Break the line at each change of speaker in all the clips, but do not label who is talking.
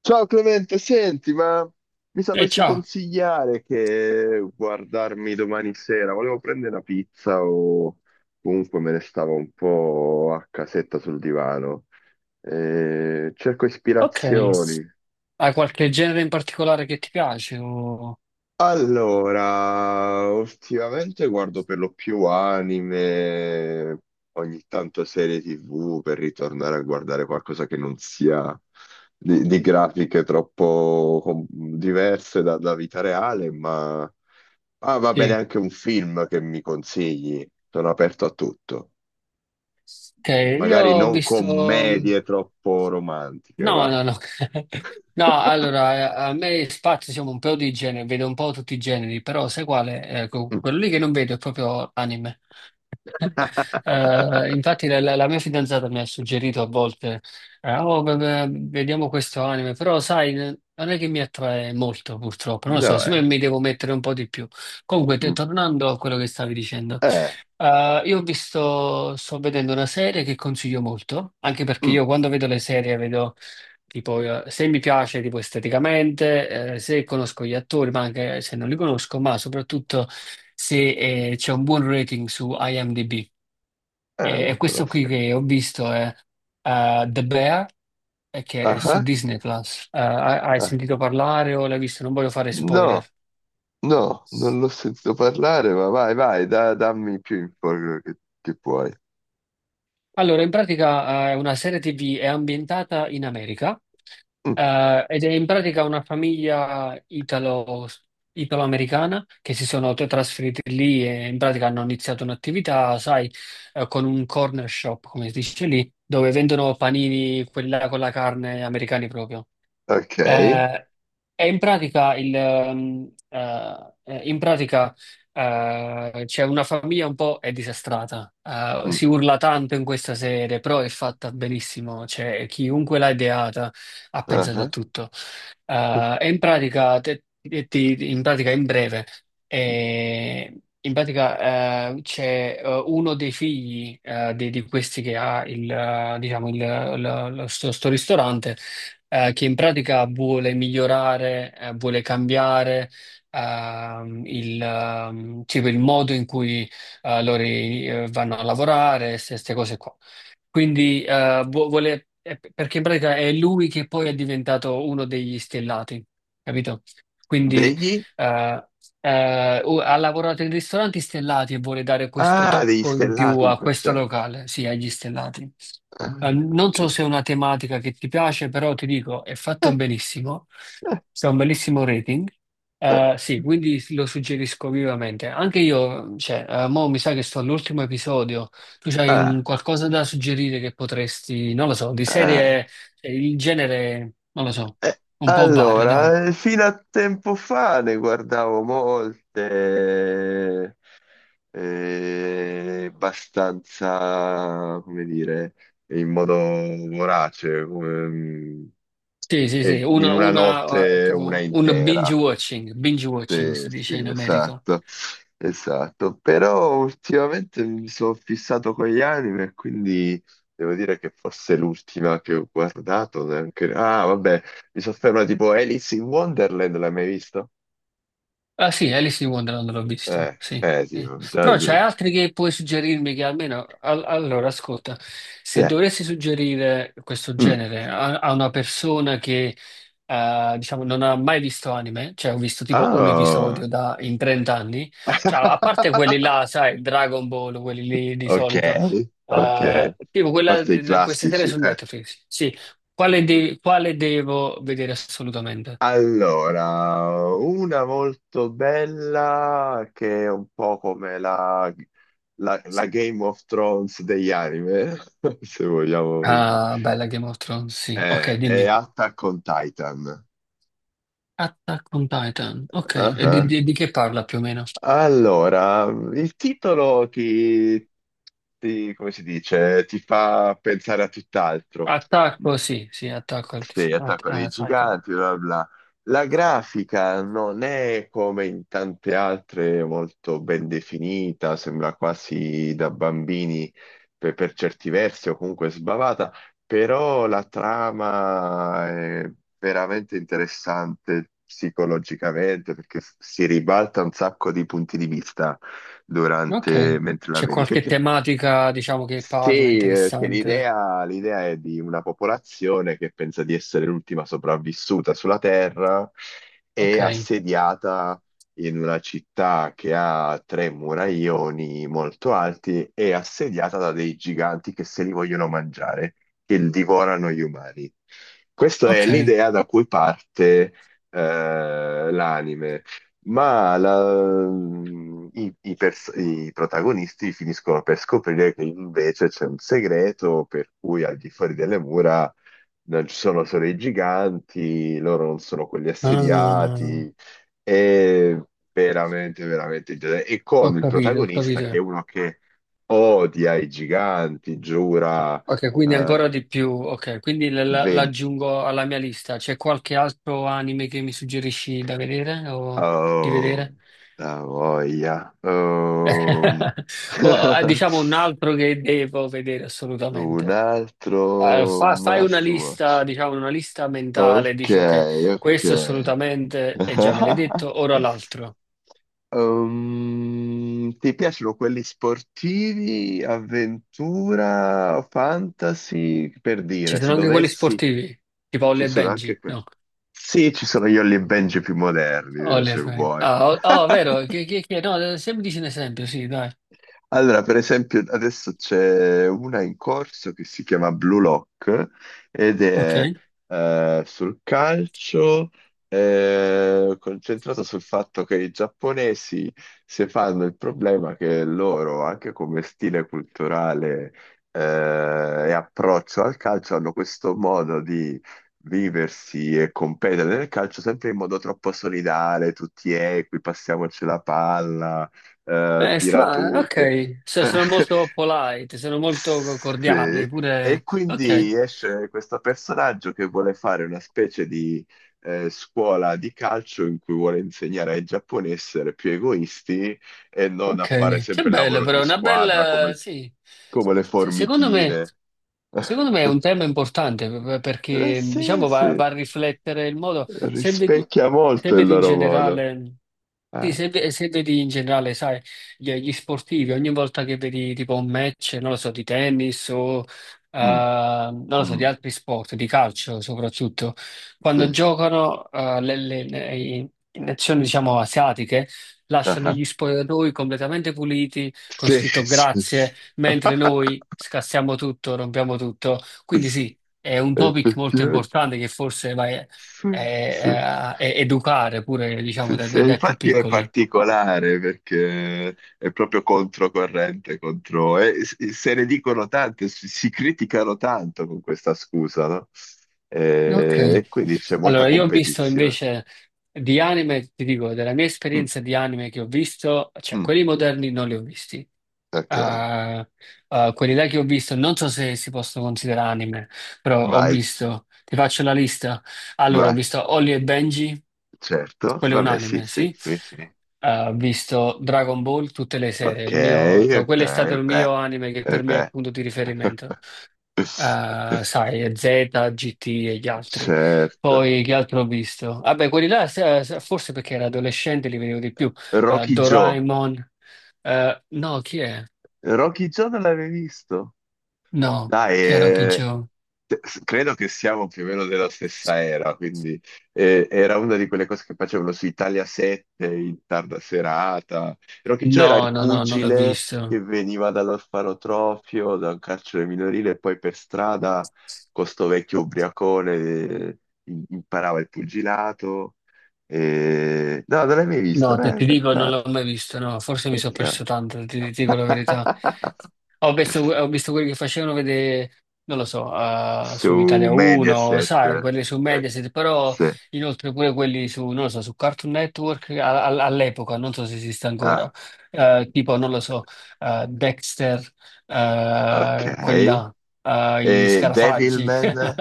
Ciao Clemente, senti, ma mi
E
sapresti
ciao,
consigliare che guardarmi domani sera? Volevo prendere una pizza, o comunque me ne stavo un po' a casetta sul divano. Cerco
ok.
ispirazioni.
Hai qualche genere in particolare che ti piace?
Allora, ultimamente guardo per lo più anime, ogni tanto serie TV per ritornare a guardare qualcosa che non sia di grafiche troppo diverse da vita reale, ma va bene
Sì,
anche un film che mi consigli, sono aperto a tutto.
ok. Io
Magari
ho
non
visto.
commedie troppo romantiche,
No,
va.
no, no. No, allora, a me spazio siamo un po' di generi, vedo un po' tutti i generi, però sai quale? Ecco, quello lì che non vedo è proprio anime. Infatti la mia fidanzata mi ha suggerito a volte, "Oh, beh, vediamo questo anime, però sai, non è che mi attrae molto purtroppo, non lo so,
No,
siccome
eh.
mi devo mettere un po' di più." Comunque,
Mm.
tornando a quello che stavi dicendo,
Eh,
eh, io ho visto, sto vedendo una serie che consiglio molto, anche perché
mm.
io quando vedo le serie vedo. Tipo, se mi piace tipo esteticamente, se conosco gli attori, ma anche se non li conosco, ma soprattutto se c'è un buon rating su IMDb.
Non
E,
lo
questo qui
conosco.
che ho visto è The Bear, che è
Ah,
su
ah.
Disney Plus. Hai
Ah.
sentito parlare o l'hai visto? Non voglio fare spoiler.
No, no, non l'ho sentito parlare, ma vai, vai, dammi più info che puoi.
Allora, in pratica, è una serie TV, è ambientata in America
Mm.
eh, ed è in pratica una famiglia italo-americana che si sono trasferiti lì e in pratica hanno iniziato un'attività, sai, con un corner shop, come si dice lì, dove vendono panini, quella con la carne americani proprio.
Ok.
Eh, è in pratica c'è una famiglia un po' è disastrata.
Mm,
Si urla tanto in questa serie, però è fatta benissimo. Cioè, chiunque l'ha ideata ha
ah,
pensato a
ah.
tutto. E in pratica, in pratica, in breve, eh, c'è uno dei figli di questi che ha diciamo, il, lo- lo- lo- sto sto ristorante, che in pratica vuole migliorare, vuole cambiare tipo il modo in cui loro vanno a lavorare, queste cose qua. Quindi, perché in pratica è lui che poi è diventato uno degli stellati, capito? Quindi
Degli?
eh, ha lavorato in ristoranti stellati e vuole dare questo
Ah, degli
tocco in più
stellati in
a
quel
questo
senso.
locale, sì, agli stellati.
Ah,
Non so
ok.
se è una tematica che ti piace, però ti dico, è fatto benissimo, c'è un bellissimo rating. Sì, quindi lo suggerisco vivamente. Anche io, cioè, mo mi sa che sto all'ultimo episodio. Tu c'hai un
Ah,
qualcosa da suggerire che potresti, non lo so, di
ah.
serie, cioè, il genere, non lo so, un po' vario, dai.
Allora, fino a tempo fa ne guardavo molte, abbastanza, come dire, in modo vorace, come,
Sì, sì, sì,
e in
una,
una
una, eh,
notte una
tipo, un
intera.
binge watching
Sì,
si dice
sì,
in America.
esatto, esatto. Però ultimamente mi sono fissato con gli anime, e quindi devo dire che forse l'ultima che ho guardato neanche... Ah, vabbè, mi sono fermato tipo Alice in Wonderland, l'hai mai visto?
Ah sì, Alice in Wonderland l'ho visto, sì, sì.
Tipo, già...
Però c'è altri che puoi suggerirmi che allora, ascolta, se dovessi suggerire questo
Mm.
genere a una persona che, diciamo, non ha mai visto anime, cioè ho visto tipo un
Ah!
episodio in 30 anni, cioè, a parte quelli là, sai, Dragon Ball, quelli lì di
Ok,
solito,
ok. A
eh, tipo quella,
parte i
queste serie
classici.
su Netflix, sì, quale devo vedere assolutamente?
Allora, una molto bella che è un po' come la, la Game of Thrones degli anime, se vogliamo dirla.
Ah, bella Game of Thrones, sì. Ok,
È
dimmi.
Attack on Titan.
Attack on Titan, ok.
Ah,
E di,
ah.
di- di che parla più o meno?
Allora, il titolo ti, come si dice, ti fa pensare a tutt'altro.
Attacco, sì, sì, attacco
Sì,
a-
Attacco dei
a Titan.
Giganti, bla bla. La grafica non è come in tante altre molto ben definita, sembra quasi da bambini per certi versi, o comunque sbavata, però la trama è veramente interessante psicologicamente, perché si ribalta un sacco di punti di vista
Ok.
durante, mentre la
C'è
vedi,
qualche
perché
tematica, diciamo, che parla
sì, che
interessante?
l'idea è di una popolazione che pensa di essere l'ultima sopravvissuta sulla Terra, e
Ok,
assediata in una città che ha tre muraioni molto alti, e assediata da dei giganti che se li vogliono mangiare, che divorano gli umani. Questa è
ok.
l'idea da cui parte l'anime, ma i protagonisti finiscono per scoprire che invece c'è un segreto per cui, al di fuori delle mura, non ci sono solo i giganti, loro non sono quelli
Ah,
assediati, è veramente, veramente interessante. E
ho
con il
capito, ho
protagonista
capito.
che è uno che odia i giganti, giura
Ok, quindi ancora
eh,
di più. Ok, quindi
ven-
l'aggiungo alla mia lista. C'è qualche altro anime che mi suggerisci da vedere o di
Oh,
vedere?
la voglia.
Oh, Diciamo un altro che devo vedere
Un
assolutamente.
altro
Fai una
must watch.
lista, diciamo una lista mentale,
Ok,
dici ok,
ok.
questo assolutamente, e già me l'hai detto, ora l'altro.
Ti piacciono quelli sportivi, avventura, fantasy? Per
Ci
dire,
sono
se
anche quelli
dovessi,
sportivi, tipo
ci
Olle e
sono
Benji,
anche quelli.
no?
Sì, ci sono Io e Benji più moderni,
Olle e
se
Benji.
vuoi.
Ah, oh, oh, vero, no, se mi dici un esempio, sì, dai.
Allora, per esempio, adesso c'è una in corso che si chiama Blue Lock, ed
Ok.
è sul calcio, concentrata sul fatto che i giapponesi si fanno il problema che loro, anche come stile culturale e approccio al calcio, hanno questo modo di viversi e competere nel calcio sempre in modo troppo solidale, tutti equi, passiamoci la palla,
Eh,
tira
strano,
tu, che
ok. Sono molto polite, sono molto
sì.
cordiali,
E
pure. Ok,
quindi esce questo personaggio che vuole fare una specie di scuola di calcio in cui vuole insegnare ai giapponesi a essere più egoisti, e non a fare
ok. Che
sempre il
bello,
lavoro di
però, una
squadra
bella.
come,
Sì.
le
Secondo me,
formichine.
secondo me è un tema importante perché
Sì,
diciamo, va,
sì,
va a riflettere il modo, se vedi,
rispecchia
se
molto il
vedi in
loro modo.
generale, sì,
Ah,
se vedi in generale, sai, gli sportivi, ogni volta che vedi tipo un match, non lo so, di tennis o
mm,
non lo so, di
mm,
altri sport, di calcio soprattutto,
sì.
quando giocano nazioni diciamo asiatiche,
Ah,
lasciano
ah,
gli spogliatoi completamente puliti, con
sì,
scritto
sì, sì.
grazie mentre noi scassiamo tutto, rompiamo tutto. Quindi sì, è un topic molto
Effettivamente.
importante che forse vai
Sì, sì,
educare pure, diciamo,
sì,
dai,
sì.
dai-
E
dai più
infatti è
piccoli.
particolare perché è proprio controcorrente, contro... E se ne dicono tante, si criticano tanto con questa scusa, no? E,
Ok.
e quindi c'è molta
Allora, io ho visto
competizione.
invece di anime, ti dico, della mia
Mm,
esperienza di anime che ho visto, cioè
mm,
quelli moderni non li ho visti.
ok,
Ah, ah, quelli là che ho visto, non so se si possono considerare anime, però ho
vai,
visto, ti faccio la lista. Allora, ho
vai,
visto Holly e Benji,
certo,
Quello è un
vabbè, sì,
anime,
sì,
sì.
sì, sì.
Ho visto Dragon Ball tutte le sere.
Ok,
Il mio, cioè,
ok,
quello è stato il
beh,
mio anime che
e
per me è
beh.
punto di riferimento. Sai, Z, GT e gli altri.
Certo.
Poi che altro ho visto? Vabbè, quelli là, forse perché ero adolescente, li vedevo di più.
Rocky Joe.
Doraemon. No, chi è?
Rocky Joe non l'avevi visto?
No,
Dai,
chi era Okidjo?
credo che siamo più o meno della stessa era, quindi era una di quelle cose che facevano su Italia 7 in tarda serata. Rocky Joe
No,
era il
no, no, non l'ho
pugile
visto.
che veniva dall'orfanotrofio, da un carcere minorile, e poi per strada, con sto vecchio ubriacone, imparava il pugilato. E... No, non l'hai mai visto?
No, ti dico, non l'ho
Peccato,
mai visto, no, forse mi sono
peccato.
perso tanto, ti dico la verità. Ho visto, ho visto quelli che facevano vedere, non lo so, su
Su
Italia 1,
Mediaset.
sai, quelli su
eh,
Mediaset, però
sì.
inoltre pure quelli su, non lo so, su Cartoon Network all'epoca, non so se esiste
Ah,
ancora, tipo, non lo so, Dexter, quelli
ok.
là, gli
E
Scarafaggi.
Devilman,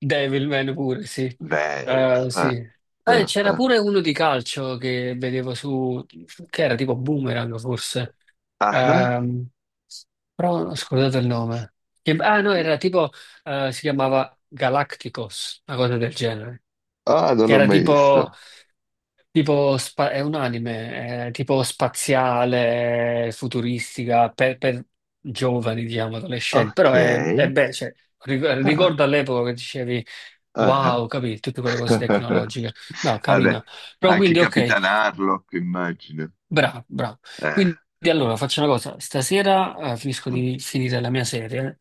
Devilman pure, sì.
bello.
Sì.
Ah, ah,
C'era
ah.
pure uno di calcio che vedevo su, che era tipo Boomerang forse.
Ah, ah.
Ehm, Però ho scordato il nome. Ah no, era tipo, si chiamava Galacticos, una cosa del genere.
Ah, non
Che
l'ho
era
mai
tipo,
visto.
tipo spa- è un anime, tipo spaziale, futuristica, per giovani, diciamo, adolescenti.
Ok.
Però è bello, cioè,
Ah,
ricordo all'epoca che dicevi.
ah,
Wow, ho capito, tutte
ah.
quelle cose tecnologiche. No,
Vabbè,
carina. Però
anche
quindi, ok,
Capitan Harlock, immagino.
bravo, bravo.
Eh.
Quindi allora faccio una cosa, stasera, finisco
Mm,
di finire la mia serie,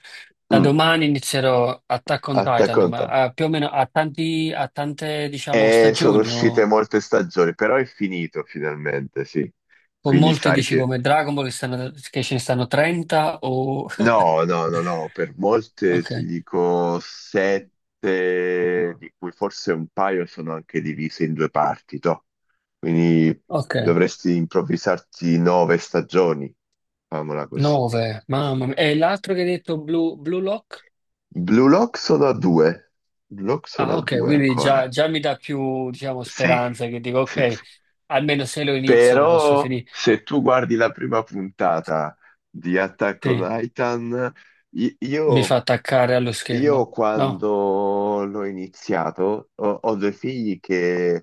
da
mm.
domani inizierò Attack on
Attack
Titan,
on Titan.
ma, più o meno a tante, diciamo,
E sono
stagioni
uscite
o
molte stagioni, però è finito finalmente, sì.
con
Quindi
molte
sai
dici
che...
come Dragon Ball che ce ne stanno 30 o.
No, no, no, no, per molte
Ok,
ti dico sette, di cui forse un paio sono anche divise in due parti, toh. Quindi
ok,
dovresti improvvisarti nove stagioni, famola così.
9, mamma mia. E l'altro che hai detto, Blue Lock?
Blue Lock sono a due, Blue Lock sono
Ah,
a
ok,
due
quindi già,
ancora.
già mi dà più, diciamo,
Sì,
speranza che dico,
sì,
ok,
sì.
almeno se lo inizio lo posso
Però
finire.
se tu guardi la prima puntata di Attack on
Sì,
Titan, i-
mi
io
fa attaccare allo
Io
schermo, no?
quando l'ho iniziato, ho, due figli che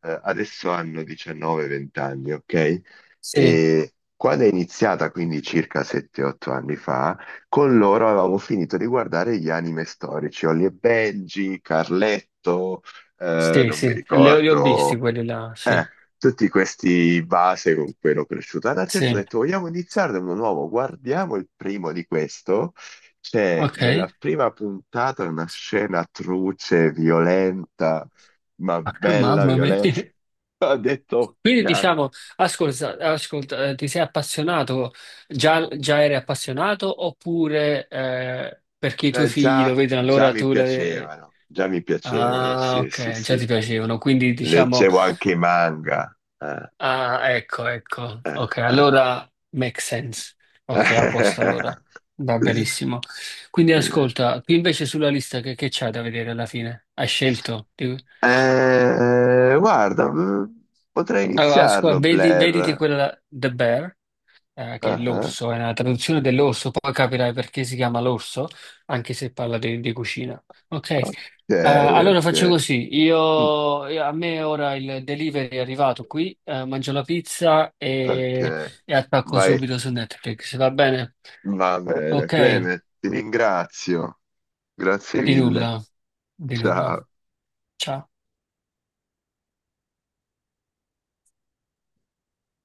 adesso hanno 19-20 anni, ok?
Sì,
E quando è iniziata, quindi circa 7-8 anni fa, con loro avevamo finito di guardare gli anime storici, Holly e Benji, Carletto,
sì,
non mi
sì, li ho visti
ricordo
quelli là, sì,
tutti questi base con cui ero cresciuto. Ad una certa ho
sì,
detto: vogliamo iniziare da uno nuovo, guardiamo il primo di questo. C'è
ok,
nella prima puntata una scena truce, violenta, ma bella,
mamma mia.
violenta. Ho detto,
Quindi
"Cazzo,
diciamo, ascolta, ti sei appassionato, già eri appassionato oppure, perché i tuoi figli lo
già,
vedono allora tu.
già mi piacevano,
Ah,
sì, sì,
ok, già
sì.
ti piacevano, quindi diciamo.
Leggevo anche i manga.
Ah, ecco, ecco. Ok,
Eh,
allora make sense. Ok, a posto allora. Va
eh.
benissimo. Quindi ascolta, qui invece sulla lista che c'hai da vedere alla fine? Hai scelto?
Guarda, potrei
Allora, ascolta,
iniziarlo,
vedi, vediti
Blair.
quella The Bear, che è
Ah, ah,
l'orso, è una traduzione dell'orso, poi capirai perché si chiama l'orso, anche se parla di cucina. Ok,
ok,
Eh, allora
ok,
faccio così,
mm,
a me ora il delivery è arrivato qui, mangio la pizza e,
ok.
e attacco
Vai,
subito su Netflix, va bene?
va bene,
Ok,
Clement, ti ringrazio. Grazie
di nulla,
mille.
di nulla.
Ciao.
Ciao.